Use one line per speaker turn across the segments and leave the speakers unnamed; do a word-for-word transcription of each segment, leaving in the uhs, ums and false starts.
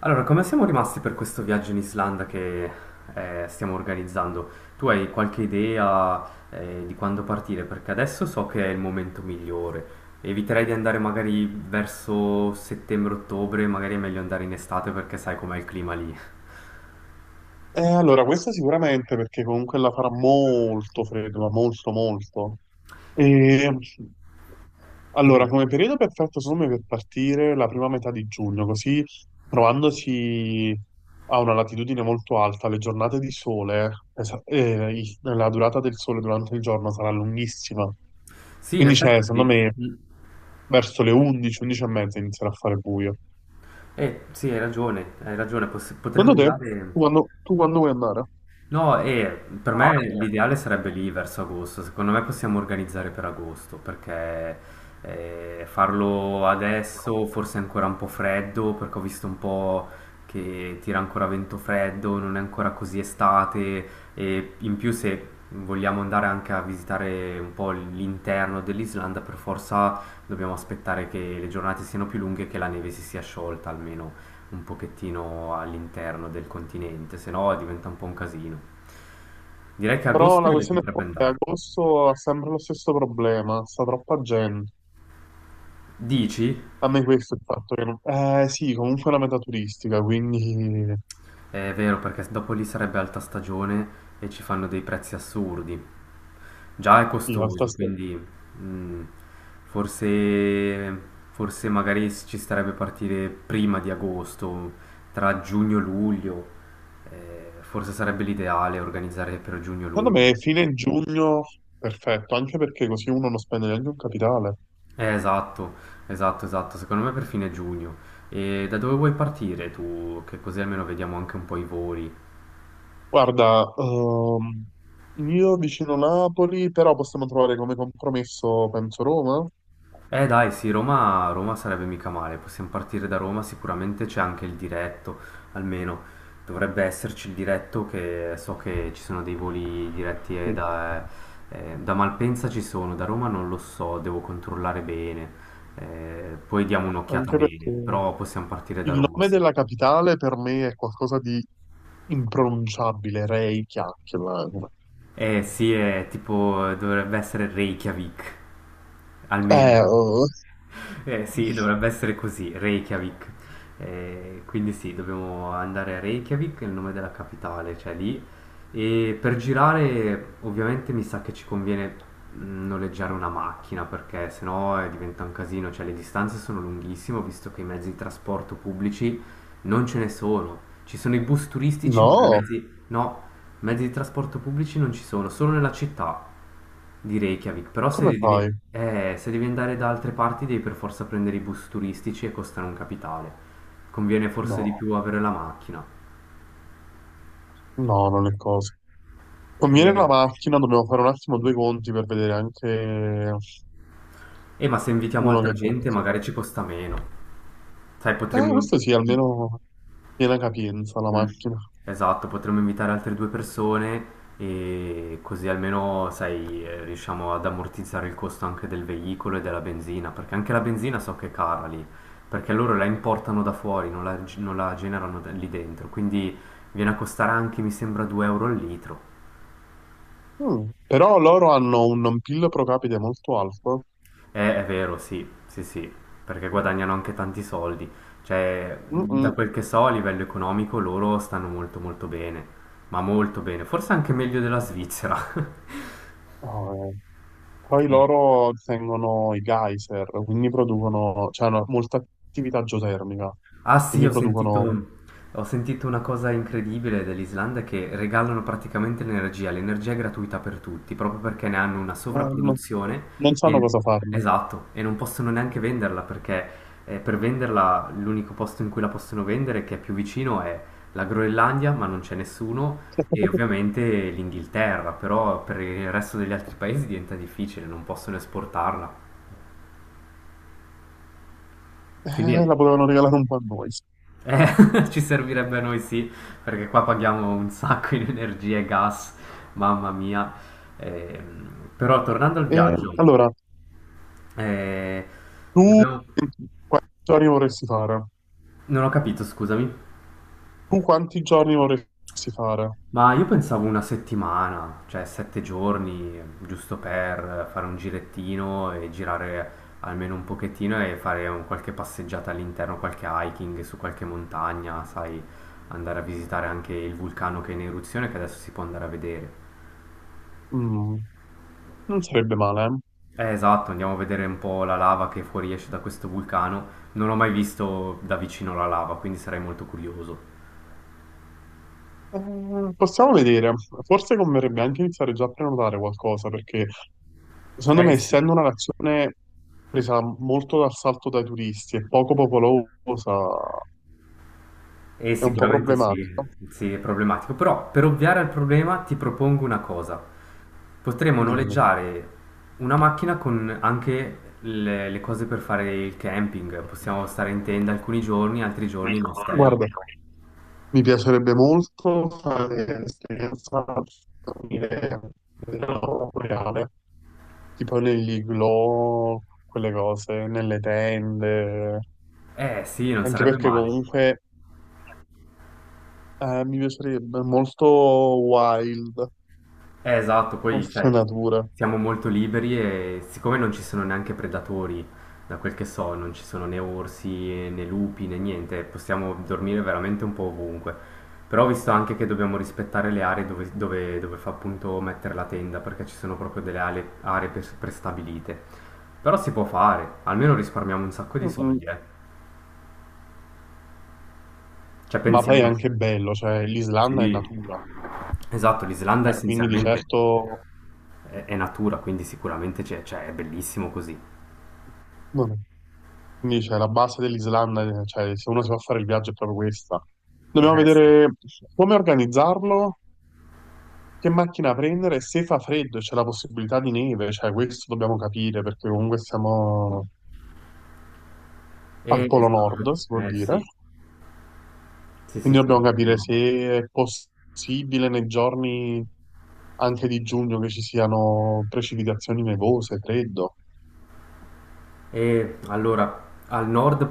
Allora, come siamo rimasti per questo viaggio in Islanda che eh, stiamo organizzando? Tu hai qualche idea eh, di quando partire? Perché adesso so che è il momento migliore. Eviterei di andare magari verso settembre-ottobre, magari è meglio andare in estate perché sai com'è il clima lì.
Eh, allora, questa sicuramente perché comunque la farà molto freddo, ma molto molto. E allora, come periodo perfetto secondo me per partire la prima metà di giugno, così trovandosi a una latitudine molto alta, le giornate di sole, es- eh, i- la durata del sole durante il giorno sarà lunghissima.
Sì, in
Quindi c'è,
effetti
secondo
sì.
me,
Mm.
verso le undici, undici e mezza inizierà a fare buio.
Eh, sì, hai ragione, hai ragione, poss- potremmo
Secondo te, tu
andare...
quando, tu quando vuoi andare?
No, e per me l'ideale sarebbe lì verso agosto. Secondo me possiamo organizzare per agosto perché eh, farlo adesso forse è ancora un po' freddo perché ho visto un po' che tira ancora vento freddo, non è ancora così estate e in più se vogliamo andare anche a visitare un po' l'interno dell'Islanda per forza dobbiamo aspettare che le giornate siano più lunghe e che la neve si sia sciolta almeno un pochettino all'interno del continente, se no diventa un po' un casino. Direi che
Però
agosto
la
sì, le
questione è
potrebbe
che
andare.
agosto ha sempre lo stesso problema, sta troppa gente.
Dici?
A me questo è il fatto che non... Eh sì, comunque è una meta turistica, quindi
È vero, perché dopo lì sarebbe alta stagione e ci fanno dei prezzi assurdi. Già è
sì, alta
costoso,
stagione.
quindi mm, forse, forse magari ci starebbe partire prima di agosto, tra giugno e luglio. Eh, forse sarebbe l'ideale organizzare per
Secondo
giugno-luglio.
me fine giugno, perfetto, anche perché così uno non spende neanche un capitale.
Eh, esatto, esatto, esatto, secondo me per fine giugno. E da dove vuoi partire tu? Che così almeno vediamo anche un po' i voli.
Guarda, ehm, io vicino Napoli, però possiamo trovare come compromesso, penso, Roma.
Eh dai, sì, Roma, Roma sarebbe mica male, possiamo partire da Roma, sicuramente c'è anche il diretto, almeno dovrebbe esserci il diretto che so che ci sono dei voli diretti eh,
Sì,
da, eh, da Malpensa ci sono, da Roma non lo so, devo controllare bene. Eh, poi diamo un'occhiata
anche perché
bene, però possiamo partire
il
da Roma,
nome
sì.
della capitale per me è qualcosa di impronunciabile, Reykjavik.
Eh sì, è tipo, dovrebbe essere Reykjavik,
Eh,
almeno.
oh,
Eh sì, dovrebbe essere così, Reykjavik. Eh, quindi sì, dobbiamo andare a Reykjavik, è il nome della capitale, cioè lì. E per girare, ovviamente mi sa che ci conviene mh, noleggiare una macchina perché sennò eh, diventa un casino, cioè le distanze sono lunghissime, ho visto che i mezzi di trasporto pubblici non ce ne sono. Ci sono i bus turistici, ma di
no,
mezzi... No, mezzi di trasporto pubblici non ci sono, solo nella città di Reykjavik, però se
come
devi,
fai?
eh, se devi andare da altre parti devi per forza prendere i bus turistici e costano un capitale. Conviene forse di
No,
più avere la macchina.
no, non è cosa. Conviene
Eh,
la macchina, dobbiamo fare un attimo due conti per vedere anche
eh, ma se invitiamo
uno
altra
che
gente
prezzo fa.
magari ci costa meno. Sai,
Eh,
potremmo...
questo sì, almeno piena capienza la
Mm.
macchina.
Esatto, potremmo invitare altre due persone e così almeno, sai, eh, riusciamo ad ammortizzare il costo anche del veicolo e della benzina, perché anche la benzina so che è cara lì, perché loro la importano da fuori, non la, non la generano da- lì dentro, quindi viene a costare anche, mi sembra, due euro al litro.
Mm, però loro hanno un P I L pro capite molto alto.
Eh, è vero, sì, sì, sì, perché guadagnano anche tanti soldi, cioè, da
Mm-mm.
quel che so a livello economico loro stanno molto molto bene, ma molto bene, forse anche meglio della Svizzera.
Oh, eh. Poi loro tengono i geyser, quindi producono, cioè hanno molta attività geotermica,
Ah sì,
quindi
ho
producono,
sentito, ho sentito una cosa incredibile dell'Islanda che regalano praticamente l'energia, l'energia è gratuita per tutti, proprio perché ne hanno una
eh, non,
sovrapproduzione
non sanno
e,
cosa farne.
esatto, e non possono neanche venderla perché eh, per venderla l'unico posto in cui la possono vendere che è più vicino è la Groenlandia, ma non c'è nessuno, e ovviamente l'Inghilterra, però per il resto degli altri paesi diventa difficile, non possono esportarla.
Eh,
Quindi è
la potevano regalare un po' a noi.
Eh, ci servirebbe a noi sì, perché qua paghiamo un sacco in energia e gas, mamma mia. Ehm, però tornando al
Eh,
viaggio,
allora,
eh,
tu
dobbiamo-
quanti giorni vorresti fare?
non ho capito, scusami,
Tu quanti giorni vorresti fare?
ma io pensavo una settimana, cioè sette giorni, giusto per fare un girettino e girare almeno un pochettino e fare un- qualche passeggiata all'interno, qualche hiking su qualche montagna, sai, andare a visitare anche il vulcano che è in eruzione che adesso si può andare a vedere.
Mm, non sarebbe male, eh.
Eh, esatto, andiamo a vedere un po' la lava che fuoriesce da questo vulcano. Non ho mai visto da vicino la lava, quindi sarei molto curioso.
Eh, possiamo vedere. Forse converrebbe anche iniziare già a prenotare qualcosa, perché secondo me,
Eh sì.
essendo una nazione presa molto d'assalto dai turisti e poco popolosa,
Eh,
è un po'
sicuramente sì,
problematica.
sì, è problematico. Però per ovviare al problema ti propongo una cosa. Potremmo
Dimmi.
noleggiare una macchina con anche le, le cose per fare il camping. Possiamo stare in tenda alcuni giorni, altri giorni in ostello.
Guarda. Mi piacerebbe molto fare un'esperienza come nella reale, tipo negli igloo, quelle cose, nelle tende,
Eh sì, non
anche
sarebbe
perché
male.
comunque eh, mi piacerebbe molto wild,
Eh, esatto, poi
molte
cioè,
natura.
siamo molto liberi e siccome non ci sono neanche predatori, da quel che so, non ci sono né orsi né lupi né niente, possiamo dormire veramente un po' ovunque. Però ho visto anche che dobbiamo rispettare le aree dove, dove- dove fa appunto mettere la tenda, perché ci sono proprio delle ale- aree pres- prestabilite. Però si può fare, almeno risparmiamo un sacco di
Mm,
soldi, eh. Cioè
ma poi è
pensiamo...
anche bello, cioè l'Islanda è
Sì.
natura,
Esatto, l'Islanda
cioè, quindi di
essenzialmente
certo
è, è natura, quindi sicuramente c'è- cioè, è bellissimo così.
non è. Quindi c'è la base dell'Islanda, eh, cioè se uno si va a fare il viaggio è proprio questa. Dobbiamo
Eh sì,
vedere come organizzarlo, che macchina prendere, se fa freddo e c'è la possibilità di neve, cioè questo dobbiamo capire perché comunque siamo al
eh, sì,
Polo Nord,
esatto,
si può
eh
dire.
sì, sì, sì,
Quindi dobbiamo
siamo al
capire
Polo Nord.
se è possibile nei giorni anche di giugno che ci siano precipitazioni nevose, freddo.
E allora, al nord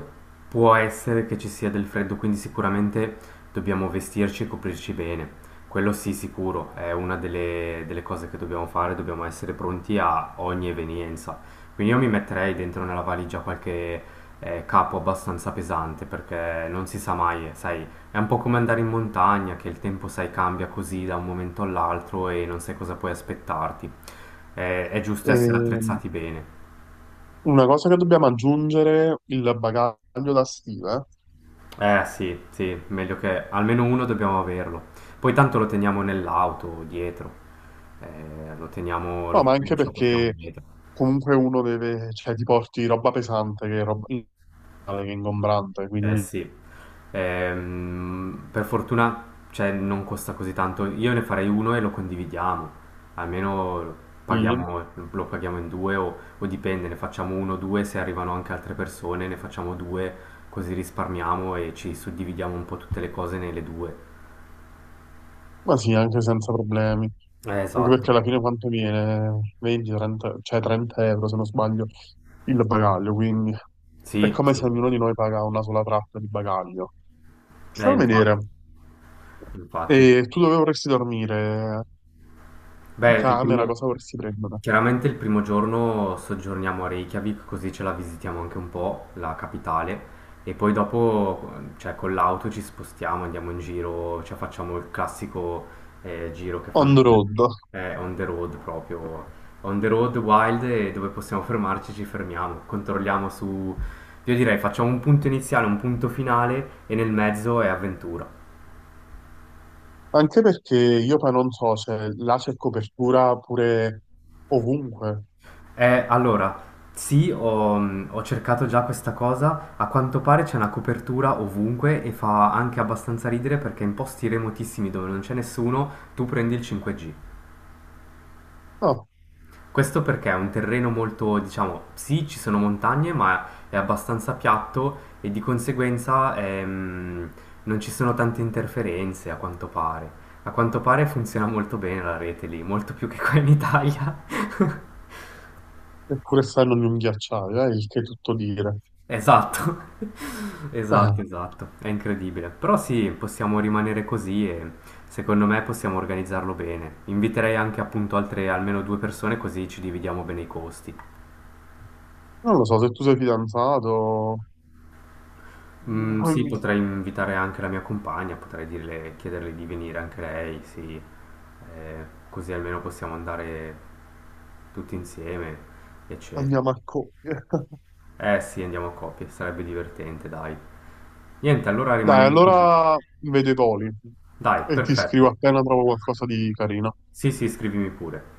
può essere che ci sia del freddo, quindi sicuramente dobbiamo vestirci e coprirci bene. Quello sì, sicuro, è una delle, delle cose che dobbiamo fare, dobbiamo essere pronti a ogni evenienza. Quindi io mi metterei dentro nella valigia qualche eh, capo abbastanza pesante, perché non si sa mai, eh, sai, è un po' come andare in montagna, che il tempo, sai, cambia così da un momento all'altro e non sai cosa puoi aspettarti. Eh, è giusto essere
E
attrezzati bene.
una cosa che dobbiamo aggiungere, il bagaglio da stiva.
Eh sì, sì, meglio che almeno uno dobbiamo averlo. Poi tanto lo teniamo nell'auto, dietro. Eh, lo teniamo,
No,
lo,
ma anche
ce lo portiamo
perché
dietro.
comunque uno deve, cioè ti porti roba pesante che è roba in- che è ingombrante,
Eh
quindi
sì, Ehm, per fortuna, cioè, non costa così tanto. Io ne farei uno e lo condividiamo. Almeno
sì,
paghiamo- lo paghiamo in due o, o dipende, ne facciamo uno o due, se arrivano anche altre persone, ne facciamo due, così risparmiamo e ci suddividiamo un po' tutte le cose nelle due.
ma sì, anche senza problemi.
Eh,
Anche
esatto.
perché alla fine quanto viene? venti, trenta, cioè trenta euro se non sbaglio il bagaglio, quindi è
Sì,
come se
sì.
ognuno di noi paga una sola tratta di bagaglio.
Eh,
Stiamo a vedere,
infatti, infatti,
e tu
infatti.
dove vorresti dormire? In
Beh, il
camera,
primo,
cosa vorresti prendere?
chiaramente il primo giorno soggiorniamo a Reykjavik, così ce la visitiamo anche un po', la capitale, e poi dopo, cioè, con l'auto ci spostiamo, andiamo in giro, cioè, facciamo il classico eh, giro che fanno
On the road.
tutti, eh, on the road proprio, on the road wild, e dove possiamo fermarci ci fermiamo, controlliamo su, io direi facciamo un punto iniziale, un punto finale, e nel mezzo è avventura.
Anche perché io poi non so se là c'è copertura pure ovunque.
Eh, allora, sì, ho, mm, ho cercato già questa cosa. A quanto pare c'è una copertura ovunque e fa anche abbastanza ridere perché in posti remotissimi dove non c'è nessuno, tu prendi il cinque G.
No,
Questo perché è un terreno molto, diciamo, sì, ci sono montagne, ma è abbastanza piatto e di conseguenza ehm, non ci sono tante interferenze, a quanto pare. A quanto pare funziona molto bene la rete lì, molto più che qua in Italia.
eppure stanno in un ghiacciaio, eh, il che è tutto dire.
Esatto, esatto,
Eh,
esatto, è incredibile. Però sì, possiamo rimanere così e secondo me possiamo organizzarlo bene. Inviterei anche appunto altre almeno due persone così ci dividiamo bene i costi.
non lo so, se tu sei fidanzato,
Mm,
noi
sì,
mi-
potrei invitare anche la mia compagna, potrei dirle, chiederle di venire anche lei, sì, Eh, così almeno possiamo andare tutti insieme, eccetera.
andiamo a cogliere.
Eh sì, andiamo a coppie, sarebbe divertente, dai. Niente, allora
Dai,
rimaniamo così.
allora vedo i voli
Dai,
e ti scrivo
perfetto.
appena trovo qualcosa di carino.
Sì, sì, scrivimi pure.